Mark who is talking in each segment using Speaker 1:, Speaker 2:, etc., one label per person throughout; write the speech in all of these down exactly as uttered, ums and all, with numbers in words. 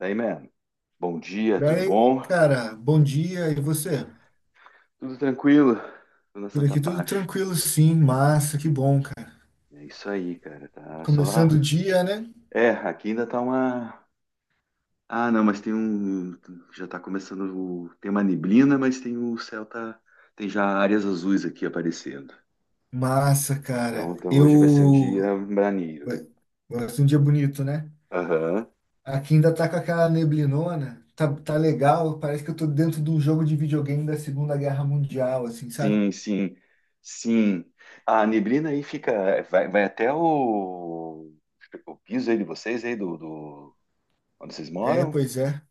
Speaker 1: Daí, man. Bom dia, tudo
Speaker 2: Daí,
Speaker 1: bom?
Speaker 2: cara, bom dia, e você?
Speaker 1: Tudo tranquilo? Tudo na
Speaker 2: Por
Speaker 1: Santa
Speaker 2: aqui tudo
Speaker 1: Paz.
Speaker 2: tranquilo, sim, massa, que bom, cara.
Speaker 1: É isso aí, cara. Tá só.
Speaker 2: Começando o dia, né?
Speaker 1: É, aqui ainda tá uma. Ah, não, mas tem um. Já tá começando. o- Tem uma neblina, mas tem o céu tá. Tem já áreas azuis aqui aparecendo.
Speaker 2: Massa,
Speaker 1: Então,
Speaker 2: cara.
Speaker 1: então hoje vai ser um
Speaker 2: Eu.
Speaker 1: dia braneiro.
Speaker 2: Vai vai ser um dia bonito, né?
Speaker 1: Aham.
Speaker 2: Aqui ainda tá com aquela neblinona, tá, tá legal, parece que eu tô dentro de um jogo de videogame da Segunda Guerra Mundial, assim, sabe?
Speaker 1: Sim, sim. Sim. A neblina aí fica. Vai, vai até o. O piso aí de vocês, aí do, do... Onde vocês
Speaker 2: É,
Speaker 1: moram?
Speaker 2: pois é.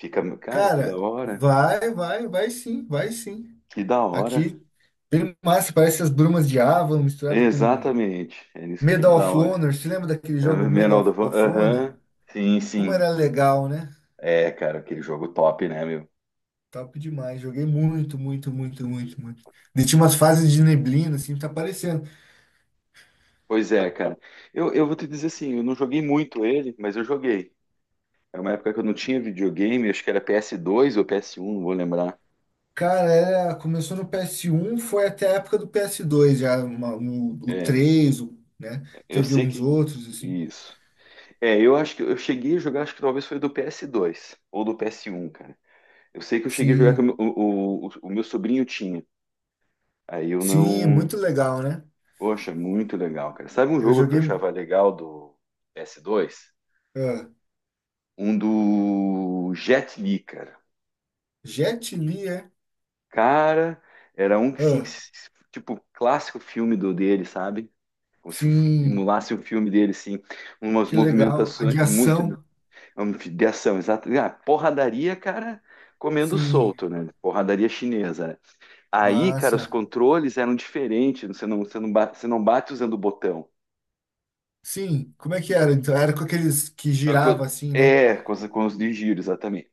Speaker 1: Fica, cara, que da
Speaker 2: Cara,
Speaker 1: hora,
Speaker 2: vai, vai, vai sim, vai sim.
Speaker 1: que da hora.
Speaker 2: Aqui, bem massa, parece as brumas de Ava misturado com
Speaker 1: Exatamente, é isso que
Speaker 2: Medal
Speaker 1: da
Speaker 2: of
Speaker 1: hora.
Speaker 2: Honor, você lembra daquele
Speaker 1: É,
Speaker 2: jogo Medal
Speaker 1: Menor
Speaker 2: of
Speaker 1: do
Speaker 2: of Honor?
Speaker 1: aham, sim,
Speaker 2: Como
Speaker 1: sim.
Speaker 2: era legal, né?
Speaker 1: É, cara, aquele jogo top, né, meu?
Speaker 2: Top demais. Joguei muito, muito, muito, muito, muito. E tinha umas fases de neblina, assim, tá aparecendo.
Speaker 1: Pois é, cara. Eu, eu vou te dizer assim, eu não joguei muito ele, mas eu joguei. É uma época que eu não tinha videogame, acho que era P S dois ou P S um, não vou lembrar.
Speaker 2: Cara, era- começou no P S um, foi até a época do P S dois, já, uma- o, o
Speaker 1: É,
Speaker 2: três, o- né?
Speaker 1: eu
Speaker 2: Teve
Speaker 1: sei
Speaker 2: uns
Speaker 1: que.
Speaker 2: outros, assim.
Speaker 1: Isso. É, eu acho que eu cheguei a jogar, acho que talvez foi do P S dois ou do P S um, cara. Eu sei que eu cheguei a jogar que o,
Speaker 2: Sim,
Speaker 1: meu- o, o, o meu sobrinho tinha. Aí eu
Speaker 2: sim, é
Speaker 1: não,
Speaker 2: muito legal, né?
Speaker 1: poxa, muito legal, cara. Sabe um
Speaker 2: Eu
Speaker 1: jogo que eu
Speaker 2: joguei.
Speaker 1: achava legal do P s dois?
Speaker 2: Ah,
Speaker 1: Um do Jet Li, cara.
Speaker 2: Jet Li, é?
Speaker 1: Cara, era um que, sim,
Speaker 2: Ah,
Speaker 1: tipo, clássico filme do dele, sabe? Como se
Speaker 2: sim,
Speaker 1: emulasse o filme dele, assim. Umas
Speaker 2: que legal. A
Speaker 1: movimentações
Speaker 2: de
Speaker 1: muito
Speaker 2: ação,
Speaker 1: de ação, exato. Ah, porradaria, cara, comendo
Speaker 2: sim,
Speaker 1: solto, né? Porradaria chinesa, né? Aí, cara, os
Speaker 2: massa.
Speaker 1: controles eram diferentes. Você não, você não, bate, você não bate usando o botão.
Speaker 2: Sim, como é que era? Então, era com aqueles que
Speaker 1: É,
Speaker 2: girava
Speaker 1: co-
Speaker 2: assim, né?
Speaker 1: é, com os, com os de giro, exatamente.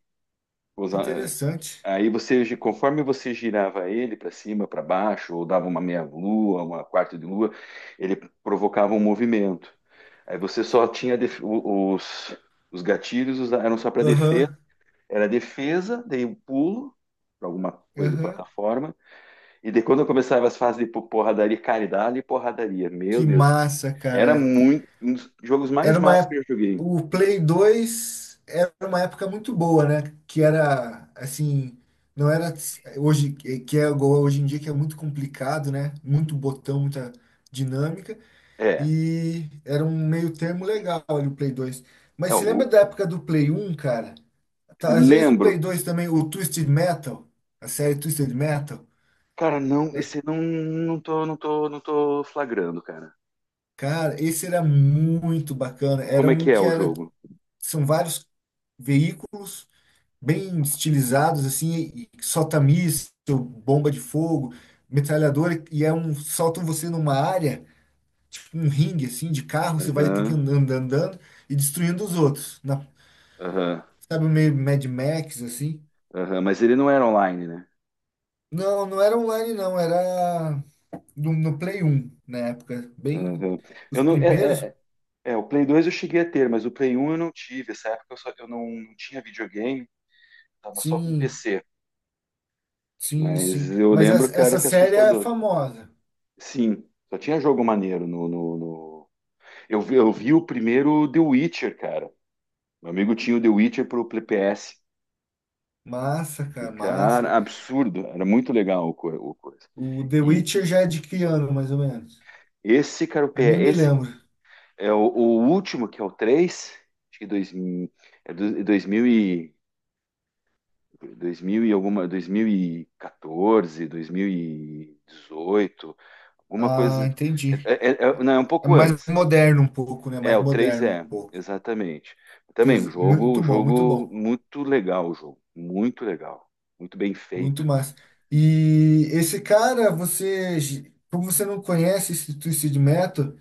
Speaker 2: Que
Speaker 1: Usa- eh,
Speaker 2: interessante.
Speaker 1: Aí você, conforme você girava ele para cima, para baixo, ou dava uma meia lua, uma quarta de lua, ele provocava um movimento. Aí você só tinha def- o- os, os gatilhos usa- eram só para defesa,
Speaker 2: Aham,
Speaker 1: era defesa, daí o pulo para alguma coisa de
Speaker 2: aham.
Speaker 1: plataforma, e daí quando eu começava as fases de po- porradaria, cara, e dali porradaria, meu
Speaker 2: Que
Speaker 1: Deus,
Speaker 2: massa,
Speaker 1: era
Speaker 2: cara.
Speaker 1: muito um dos jogos mais
Speaker 2: Era uma
Speaker 1: matos que
Speaker 2: época.
Speaker 1: eu joguei.
Speaker 2: O Play dois era uma época muito boa, né? Que era, assim, não era hoje, que é igual hoje em dia, que é muito complicado, né? Muito botão, muita dinâmica.
Speaker 1: É,
Speaker 2: E era um meio termo legal ali o Play dois.
Speaker 1: é
Speaker 2: Mas você lembra
Speaker 1: o
Speaker 2: da época do Play um, cara? Tá, às vezes no Play
Speaker 1: lembro,
Speaker 2: dois também, o Twisted Metal, a série Twisted Metal,
Speaker 1: cara, não, esse não, não tô, não tô, não tô flagrando, cara.
Speaker 2: cara, esse era muito bacana. Era
Speaker 1: Como é
Speaker 2: um
Speaker 1: que é
Speaker 2: que
Speaker 1: o
Speaker 2: era,
Speaker 1: jogo?
Speaker 2: são vários veículos bem estilizados, assim, e solta-míssil, bomba de fogo, metralhadora, e é um, soltam você numa área, tipo um ringue, assim, de carro, você vai ter que ir
Speaker 1: Aham,
Speaker 2: andando, andando e destruindo os outros. Na,
Speaker 1: aham,
Speaker 2: sabe, meio Mad Max, assim.
Speaker 1: aham. Mas ele não era online, né?
Speaker 2: Não, não era online, não, era. no, no Play um na época. Bem,
Speaker 1: Aham.
Speaker 2: os
Speaker 1: Eu não, é,
Speaker 2: primeiros.
Speaker 1: é, é, é, o Play dois eu cheguei a ter, mas o Play um eu não tive. Essa época eu, só, eu não, não tinha videogame, tava só com
Speaker 2: Sim,
Speaker 1: P C.
Speaker 2: sim,
Speaker 1: Mas
Speaker 2: sim.
Speaker 1: eu
Speaker 2: Mas
Speaker 1: lembro,
Speaker 2: essa,
Speaker 1: cara,
Speaker 2: essa
Speaker 1: que é
Speaker 2: série é
Speaker 1: assustador.
Speaker 2: famosa.
Speaker 1: Sim, só tinha jogo maneiro no, no, no- Eu, vi- eu vi o primeiro The Witcher, cara. Meu amigo tinha o The Witcher pro P S.
Speaker 2: Massa,
Speaker 1: E,
Speaker 2: cara, massa.
Speaker 1: cara, absurdo. Era muito legal o, co- o coisa.
Speaker 2: O The
Speaker 1: E
Speaker 2: Witcher já é de que ano, mais ou menos?
Speaker 1: esse, cara, o
Speaker 2: Eu nem
Speaker 1: P E,
Speaker 2: me
Speaker 1: esse
Speaker 2: lembro.
Speaker 1: é o, o último, que é o três, acho que dois, mil- é do- dois mil e, dois mil e alguma, dois mil e quatorze, dois mil e dezoito, alguma
Speaker 2: Ah,
Speaker 1: coisa. É,
Speaker 2: entendi.
Speaker 1: é- é- é, não, é um
Speaker 2: É
Speaker 1: pouco
Speaker 2: mais
Speaker 1: antes.
Speaker 2: moderno um pouco, né?
Speaker 1: É,
Speaker 2: Mais
Speaker 1: o três
Speaker 2: moderno
Speaker 1: é,
Speaker 2: um pouco.
Speaker 1: exatamente. Também um
Speaker 2: Tes-
Speaker 1: jogo, um
Speaker 2: Muito bom, muito
Speaker 1: jogo
Speaker 2: bom.
Speaker 1: muito legal, o jogo. Muito legal. Muito bem
Speaker 2: Muito
Speaker 1: feito.
Speaker 2: massa. E esse cara, você, como você não conhece esse Twisted Metal,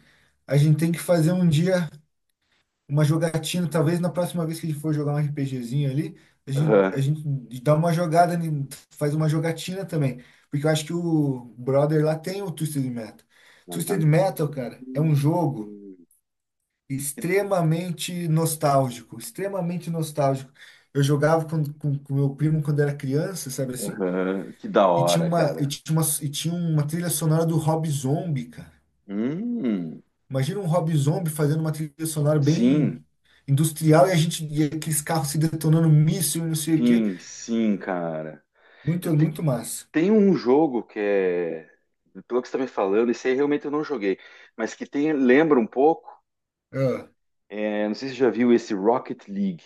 Speaker 2: a gente tem que fazer um dia uma jogatina, talvez na próxima vez que a gente for jogar um RPGzinho ali, a gente, a
Speaker 1: Aham.
Speaker 2: gente dá uma jogada, ne- faz uma jogatina também. Porque eu acho que o brother lá tem o Twisted Metal. Twisted
Speaker 1: Aham.
Speaker 2: Metal, cara, é um jogo extremamente nostálgico, extremamente nostálgico. Eu jogava com, com, com meu primo quando era criança, sabe assim?
Speaker 1: Aham, que da
Speaker 2: E tinha
Speaker 1: hora,
Speaker 2: uma, e
Speaker 1: cara.
Speaker 2: tinha uma, e tinha uma trilha sonora do Rob Zombie, cara.
Speaker 1: Hum,
Speaker 2: Imagina um Rob Zombie fazendo uma trilha sonora
Speaker 1: sim.
Speaker 2: bem industrial e a gente e aqueles carros se detonando míssil, e não sei o quê.
Speaker 1: Sim, sim, cara. Eu
Speaker 2: Muito,
Speaker 1: te,
Speaker 2: muito massa.
Speaker 1: tem um jogo que é, pelo que você está me falando, esse aí realmente eu não joguei, mas que tem, lembra um pouco,
Speaker 2: Ah,
Speaker 1: é, não sei se você já viu esse Rocket League.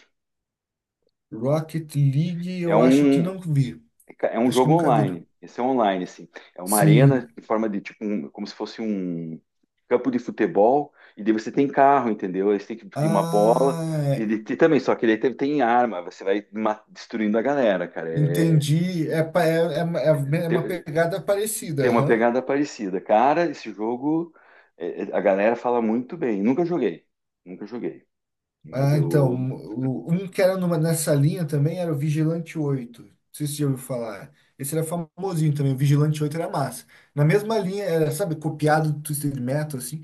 Speaker 2: Rocket League,
Speaker 1: É
Speaker 2: eu acho que
Speaker 1: um,
Speaker 2: não vi.
Speaker 1: é um
Speaker 2: Acho que
Speaker 1: jogo
Speaker 2: nunca vi, não.
Speaker 1: online. Esse é online, assim. É uma arena
Speaker 2: Sim.
Speaker 1: em forma de tipo, um, como se fosse um campo de futebol, e daí você tem carro, entendeu? Aí você tem que tem uma bola,
Speaker 2: Ah,
Speaker 1: e,
Speaker 2: é,
Speaker 1: ele tem também, só que ele tem, tem arma, você vai ma- destruindo a galera, cara. É,
Speaker 2: entendi. É, pa- é, é, uma é uma pegada parecida,
Speaker 1: tem uma
Speaker 2: aham.
Speaker 1: pegada parecida. Cara, esse jogo, é, é, a galera fala muito bem. Nunca joguei, nunca joguei. Mas
Speaker 2: Ah, então,
Speaker 1: eu
Speaker 2: o- um que era numa, nessa linha também era o Vigilante Oito, não sei se você já ouviu falar. Esse era famosinho também, o Vigilante Oito era massa. Na mesma linha, era, sabe, copiado do Twisted Metal, assim,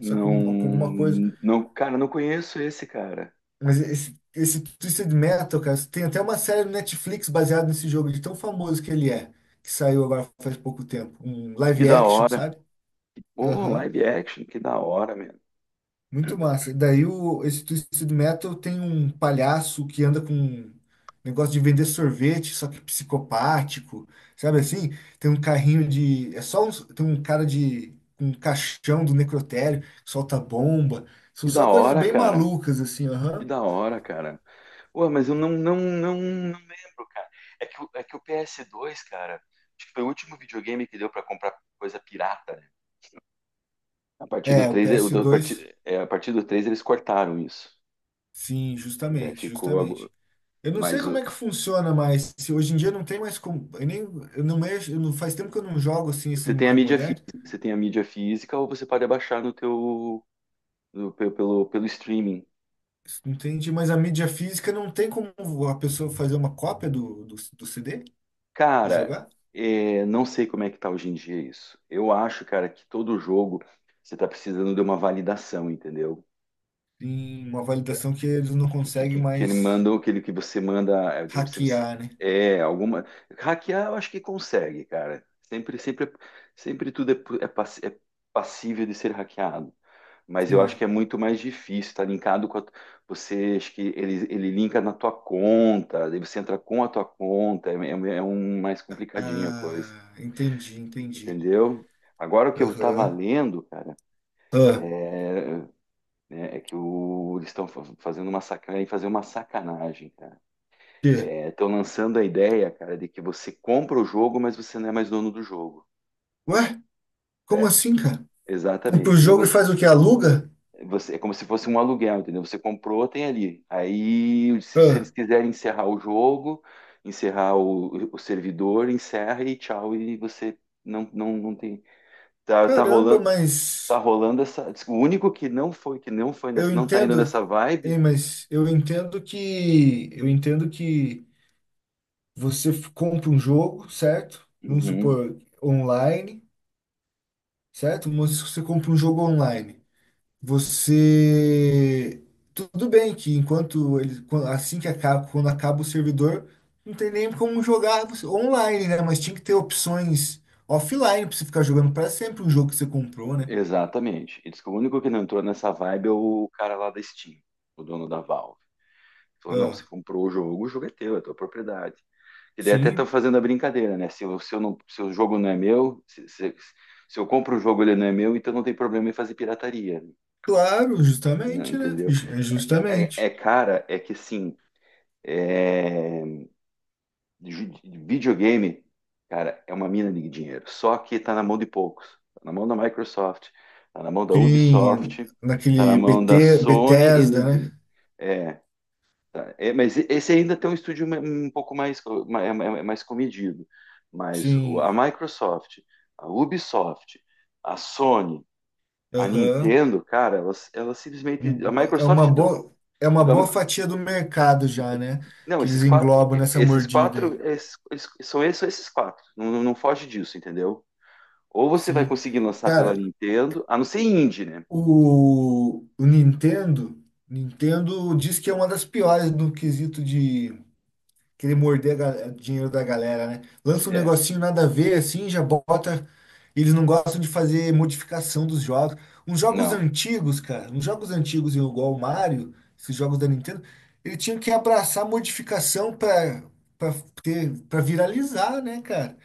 Speaker 2: só com, uma- com alguma coisa.
Speaker 1: não, cara, não conheço esse cara.
Speaker 2: Mas esse, esse Twisted Metal, cara, tem até uma série no Netflix baseada nesse jogo, de tão famoso que ele é, que saiu agora faz pouco tempo. Um
Speaker 1: Que
Speaker 2: live
Speaker 1: da
Speaker 2: action,
Speaker 1: hora.
Speaker 2: sabe?
Speaker 1: Pô,
Speaker 2: Aham.
Speaker 1: live action, que da hora, mesmo.
Speaker 2: Muito massa. Daí o, esse Twisted Metal tem um palhaço que anda com um negócio de vender sorvete, só que psicopático, sabe assim? Tem um carrinho de. É só um, tem um cara de. Com um caixão do necrotério, solta bomba. São
Speaker 1: Que da
Speaker 2: só coisas
Speaker 1: hora,
Speaker 2: bem
Speaker 1: cara.
Speaker 2: malucas, assim,
Speaker 1: Que
Speaker 2: aham.
Speaker 1: da hora, cara. Pô, mas eu não, não, não, não lembro, cara. É que, o- é que o ps dois, cara, acho que foi o último videogame que deu pra comprar coisa pirata, né? A partir do
Speaker 2: É, o
Speaker 1: três, é, o
Speaker 2: ps
Speaker 1: da- a
Speaker 2: dois
Speaker 1: partir, é, a partir do três eles cortaram isso.
Speaker 2: sim,
Speaker 1: Que daí
Speaker 2: justamente,
Speaker 1: ficou. agu-
Speaker 2: justamente. Eu não
Speaker 1: Mas
Speaker 2: sei como
Speaker 1: o-
Speaker 2: é que funciona mais. Se hoje em dia não tem mais como. Eu nem, eu não mexo, eu não, faz tempo que eu não jogo assim esses
Speaker 1: você tem a
Speaker 2: mais.
Speaker 1: mídia física, você tem a mídia física ou você pode abaixar no teu no- pe- pelo, pelo streaming.
Speaker 2: Entendi, mas a mídia física não tem como a pessoa fazer uma cópia do, do, do C D e
Speaker 1: Cara,
Speaker 2: jogar?
Speaker 1: é, não sei como é que tá hoje em dia isso. Eu acho, cara, que todo jogo você tá precisando de uma validação, entendeu?
Speaker 2: Tem uma validação que eles não
Speaker 1: que, que,
Speaker 2: conseguem
Speaker 1: que, que ele
Speaker 2: mais
Speaker 1: manda, ou aquele que você manda, eu digo, se você,
Speaker 2: hackear, né?
Speaker 1: é alguma hackear, eu acho que consegue, cara. Sempre, sempre, sempre tudo é, pu- é pass- é passível de ser hackeado. Mas eu acho
Speaker 2: Sim.
Speaker 1: que é muito mais difícil, tá linkado com a, você, acho que ele, ele linka na tua conta, daí você entra com a tua conta, é, é é um mais complicadinho a
Speaker 2: Ah,
Speaker 1: coisa,
Speaker 2: entendi, entendi.
Speaker 1: entendeu? Agora o que eu tava
Speaker 2: Aham.
Speaker 1: lendo, cara,
Speaker 2: Ah,
Speaker 1: é, né, é que o, eles estão fazendo uma sacanagem, fazer uma sacanagem, cara.
Speaker 2: quê?
Speaker 1: Estão lançando a ideia, cara, de que você compra o jogo, mas você não é mais dono do jogo.
Speaker 2: Ué? Como
Speaker 1: É,
Speaker 2: assim, cara? Compra
Speaker 1: exatamente.
Speaker 2: o jogo e
Speaker 1: Digamos,
Speaker 2: faz o que? Aluga?
Speaker 1: você, é como se fosse um aluguel, entendeu? Você comprou, tem ali. Aí, se, se eles
Speaker 2: Ah,
Speaker 1: quiserem encerrar o jogo, encerrar o, o servidor, encerra e tchau, e você não, não, não tem. Tá, tá
Speaker 2: caramba,
Speaker 1: rolando, tá
Speaker 2: mas
Speaker 1: rolando essa. O único que não foi, que não foi,
Speaker 2: eu
Speaker 1: nessa, não tá indo
Speaker 2: entendo.
Speaker 1: nessa
Speaker 2: Ei,
Speaker 1: vibe.
Speaker 2: mas eu entendo que. Eu entendo que. Você f- compra um jogo, certo? Vamos
Speaker 1: Uhum,
Speaker 2: supor, online, certo? Mas você compra um jogo online. Você. Tudo bem que enquanto ele. quan- Assim que acaba, quando acaba o servidor, não tem nem como jogar você- online, né? Mas tinha que ter opções offline pra você ficar jogando pra sempre um jogo que você comprou, né?
Speaker 1: exatamente. Ele disse que o único que não entrou nessa vibe é o cara lá da Steam, o dono da Valve. Falou, não, você
Speaker 2: Ah,
Speaker 1: comprou o jogo, o jogo é teu, é tua propriedade. E daí até estão
Speaker 2: sim,
Speaker 1: fazendo a brincadeira, né? Se, eu- se, eu não, se o jogo não é meu, se, se- se eu compro o jogo ele não é meu, então não tem problema em fazer pirataria,
Speaker 2: claro,
Speaker 1: né?
Speaker 2: justamente, né?
Speaker 1: Entendeu?
Speaker 2: Ju- é
Speaker 1: É,
Speaker 2: Justamente.
Speaker 1: é, cara, é que assim, é, videogame, cara, é uma mina de dinheiro. Só que tá na mão de poucos. Tá na mão da Microsoft, tá na mão da
Speaker 2: Sim,
Speaker 1: Ubisoft, tá na
Speaker 2: naquele
Speaker 1: mão da
Speaker 2: B T,
Speaker 1: Sony e...
Speaker 2: Bethesda,
Speaker 1: né,
Speaker 2: né?
Speaker 1: é, tá, é, mas esse ainda tem um estúdio um pouco mais, co- é- é- é mais comedido. Mas o- a
Speaker 2: Sim.
Speaker 1: Microsoft, a Ubisoft, a Sony, a
Speaker 2: Aham.
Speaker 1: Nintendo, cara, elas, elas simplesmente. A
Speaker 2: É uma
Speaker 1: Microsoft. do-
Speaker 2: boa, é uma boa
Speaker 1: da-
Speaker 2: fatia do mercado já, né?
Speaker 1: não,
Speaker 2: Que eles
Speaker 1: esses quatro.
Speaker 2: englobam nessa
Speaker 1: Esses
Speaker 2: mordida
Speaker 1: quatro.
Speaker 2: aí.
Speaker 1: esses- esses- são esses, são esses quatro. Não, não- não foge disso, entendeu? Ou você vai
Speaker 2: Sim.
Speaker 1: conseguir lançar
Speaker 2: Cara,
Speaker 1: pela Nintendo, a não ser indie, né?
Speaker 2: o, o Nintendo, Nintendo, diz que é uma das piores no quesito de querer morder a ga- dinheiro da galera, né? Lança um
Speaker 1: É,
Speaker 2: negocinho nada a ver, assim, já bota. Eles não gostam de fazer modificação dos jogos. Uns jogos
Speaker 1: não.
Speaker 2: antigos, cara, uns jogos antigos igual o Mario, esses jogos da Nintendo, ele tinha que abraçar a modificação pra, pra, ter, pra viralizar, né, cara?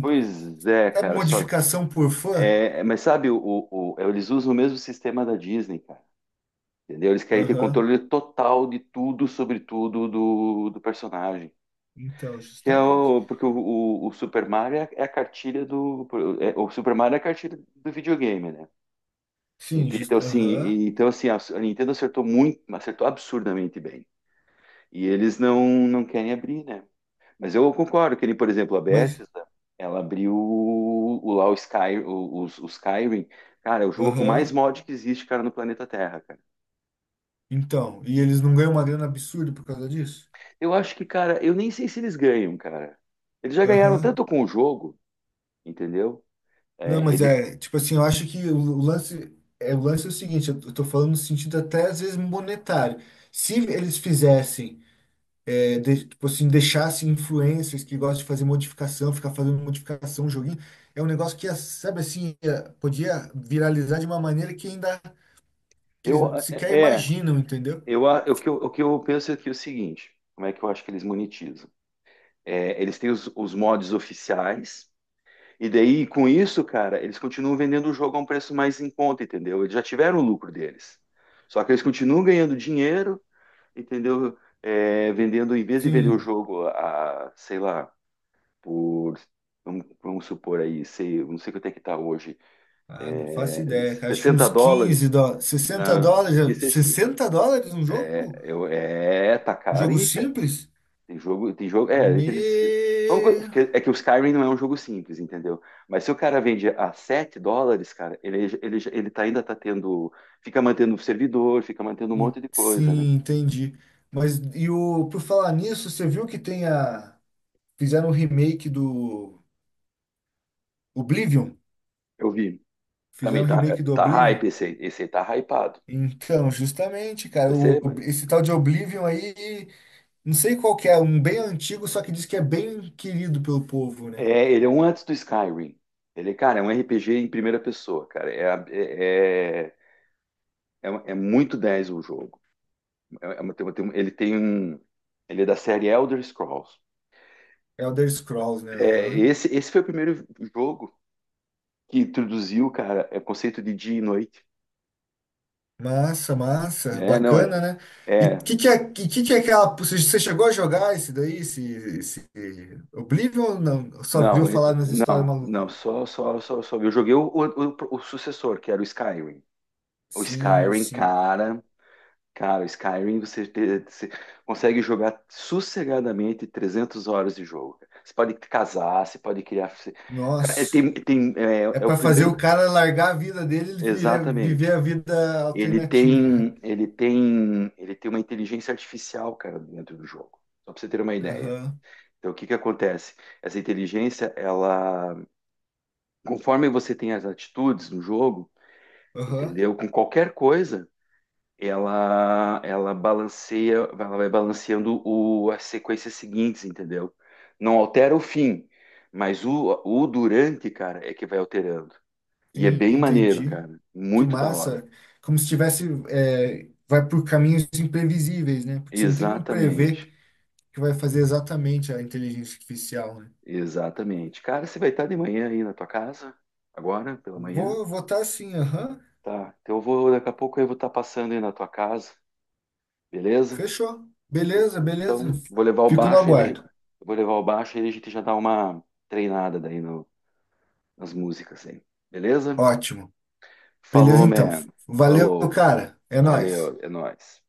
Speaker 1: Pois é,
Speaker 2: Sabe
Speaker 1: cara, só que.
Speaker 2: modificação por fã?
Speaker 1: É, mas sabe, o, o- o- eles usam o mesmo sistema da Disney, cara. Entendeu? Eles querem ter
Speaker 2: Aham.
Speaker 1: controle total de tudo, sobre tudo do, do personagem.
Speaker 2: Então,
Speaker 1: Que é
Speaker 2: justamente.
Speaker 1: o, porque o, o, o Super Mario é a cartilha do. é- o Super Mario é a cartilha do videogame, né?
Speaker 2: Sim,
Speaker 1: Ent- Então,
Speaker 2: just...
Speaker 1: assim,
Speaker 2: aham.
Speaker 1: e- então, assim a, a Nintendo acertou muito, acertou absurdamente bem. E eles não, não querem abrir, né? Mas eu concordo que, ele, por exemplo, a
Speaker 2: Mas,
Speaker 1: Bethesda, ela abriu o, o lá o Sky, o, os- o Skyrim. Cara, é o jogo com mais
Speaker 2: aham.
Speaker 1: mod que existe, cara, no planeta Terra, cara.
Speaker 2: Então, e eles não ganham uma grana absurda por causa disso?
Speaker 1: Eu acho que, cara, eu nem sei se eles ganham, cara. Eles já ganharam
Speaker 2: Aham.
Speaker 1: tanto com o jogo, entendeu?
Speaker 2: Não,
Speaker 1: É,
Speaker 2: mas
Speaker 1: ele,
Speaker 2: é, tipo assim, eu acho que o o lance é, o lance é o seguinte, eu tô eu tô falando no sentido até às vezes monetário. Se eles fizessem, é, de- tipo assim, deixassem influencers que gostam de fazer modificação, ficar fazendo modificação, joguinho, é um negócio que, ia, sabe assim, ia- podia viralizar de uma maneira que ainda que
Speaker 1: eu,
Speaker 2: eles
Speaker 1: é,
Speaker 2: sequer
Speaker 1: é,
Speaker 2: imaginam, entendeu?
Speaker 1: eu, a, o que eu, o que eu penso aqui é o seguinte: como é que eu acho que eles monetizam? É, eles têm os, os mods oficiais, e daí, com isso, cara, eles continuam vendendo o jogo a um preço mais em conta, entendeu? Eles já tiveram o lucro deles. Só que eles continuam ganhando dinheiro, entendeu? É, vendendo, em vez de vender o
Speaker 2: Sim.
Speaker 1: jogo a, sei lá, por, vamos, vamos supor aí, sei, não sei quanto é que está hoje,
Speaker 2: Ah, não faço
Speaker 1: é,
Speaker 2: ideia, cara. Acho que
Speaker 1: 60
Speaker 2: uns quinze
Speaker 1: dólares,
Speaker 2: dólares, sessenta
Speaker 1: na, que
Speaker 2: dólares,
Speaker 1: seja,
Speaker 2: sessenta dólares um
Speaker 1: é,
Speaker 2: jogo?
Speaker 1: eu- é, tá
Speaker 2: Um
Speaker 1: caro
Speaker 2: jogo
Speaker 1: e
Speaker 2: simples?
Speaker 1: tem jogo, tem jogo, é, entre, vamos
Speaker 2: Me.
Speaker 1: é que o Skyrim não é um jogo simples, entendeu? Mas se o cara vende a sete dólares, cara, ele, ele, ele tá, ainda tá tendo, fica mantendo o servidor, fica mantendo um
Speaker 2: En-
Speaker 1: monte de coisa, né?
Speaker 2: Sim, entendi. Mas e o por falar nisso, você viu que tem a fizeram um remake do Oblivion?
Speaker 1: Eu vi.
Speaker 2: Fizeram
Speaker 1: Também
Speaker 2: um
Speaker 1: tá,
Speaker 2: remake do
Speaker 1: tá hype
Speaker 2: Oblivion?
Speaker 1: esse aí, esse aí tá hypado.
Speaker 2: Então, justamente, cara, o-
Speaker 1: Percebe?
Speaker 2: esse tal de Oblivion aí, não sei qual que é, um bem antigo, só que diz que é bem querido pelo povo, né?
Speaker 1: É, ele é um antes do Skyrim. Ele, cara, é um R P G em primeira pessoa, cara. É, a- é, é, é um- é muito dez o jogo. É- é uma- tem uma- tem um- ele tem um. Ele é da série Elder Scrolls.
Speaker 2: É Elder Scrolls, né?
Speaker 1: É,
Speaker 2: Aham.
Speaker 1: esse, esse foi o primeiro jogo que introduziu, cara, é o conceito de dia e noite.
Speaker 2: Massa, massa,
Speaker 1: É, não, é.
Speaker 2: bacana, né? E o que
Speaker 1: É,
Speaker 2: que é, que, que que é aquela, você você chegou a jogar esse daí, esse, esse Oblivion ou não? Só viu
Speaker 1: não, é-
Speaker 2: falar nas histórias
Speaker 1: não,
Speaker 2: malucas?
Speaker 1: não, só, só, só, só. Eu joguei o, o, o- o sucessor, que era o Skyrim. O
Speaker 2: Sim,
Speaker 1: Skyrim,
Speaker 2: sim.
Speaker 1: cara. Cara, Skyrim você, te- você consegue jogar sossegadamente trezentas horas de jogo. Cara. Você pode casar, você pode criar. você- Cara, é,
Speaker 2: Nossa.
Speaker 1: tem, tem, é,
Speaker 2: É
Speaker 1: é o
Speaker 2: para fazer
Speaker 1: primeiro.
Speaker 2: o cara largar a vida dele e vira- viver
Speaker 1: Exatamente.
Speaker 2: a vida
Speaker 1: Ele
Speaker 2: alternativa.
Speaker 1: tem, ele tem, ele tem uma inteligência artificial, cara, dentro do jogo. Só para você ter uma ideia.
Speaker 2: Aham,
Speaker 1: Então, o que que acontece? Essa inteligência, ela, conforme você tem as atitudes no jogo,
Speaker 2: aham.
Speaker 1: entendeu? Com qualquer coisa, ela ela balanceia, ela vai balanceando o, as sequências seguintes, entendeu? Não altera o fim, mas o, o durante, cara, é que vai alterando. E é
Speaker 2: Sim,
Speaker 1: bem maneiro,
Speaker 2: entendi.
Speaker 1: cara.
Speaker 2: Que
Speaker 1: Muito da hora.
Speaker 2: massa. Como se tivesse, é, vai por caminhos imprevisíveis, né? Porque você não tem como prever
Speaker 1: Exatamente.
Speaker 2: o que vai fazer exatamente a inteligência artificial, né?
Speaker 1: Exatamente. Cara, você vai estar de manhã aí na tua casa? Agora, pela manhã?
Speaker 2: Vou votar sim, aham.
Speaker 1: Tá. Então eu vou, daqui a pouco eu vou estar passando aí na tua casa, beleza?
Speaker 2: Fechou. Beleza, beleza.
Speaker 1: Então, vou levar o
Speaker 2: Fico no
Speaker 1: baixo e a gente,
Speaker 2: aguardo.
Speaker 1: vou levar o baixo e a gente já dá uma treinada daí no as músicas aí. Beleza?
Speaker 2: Ótimo. Beleza,
Speaker 1: Falou,
Speaker 2: então.
Speaker 1: man.
Speaker 2: Valeu,
Speaker 1: Falou.
Speaker 2: cara. É nóis.
Speaker 1: Valeu, é nóis.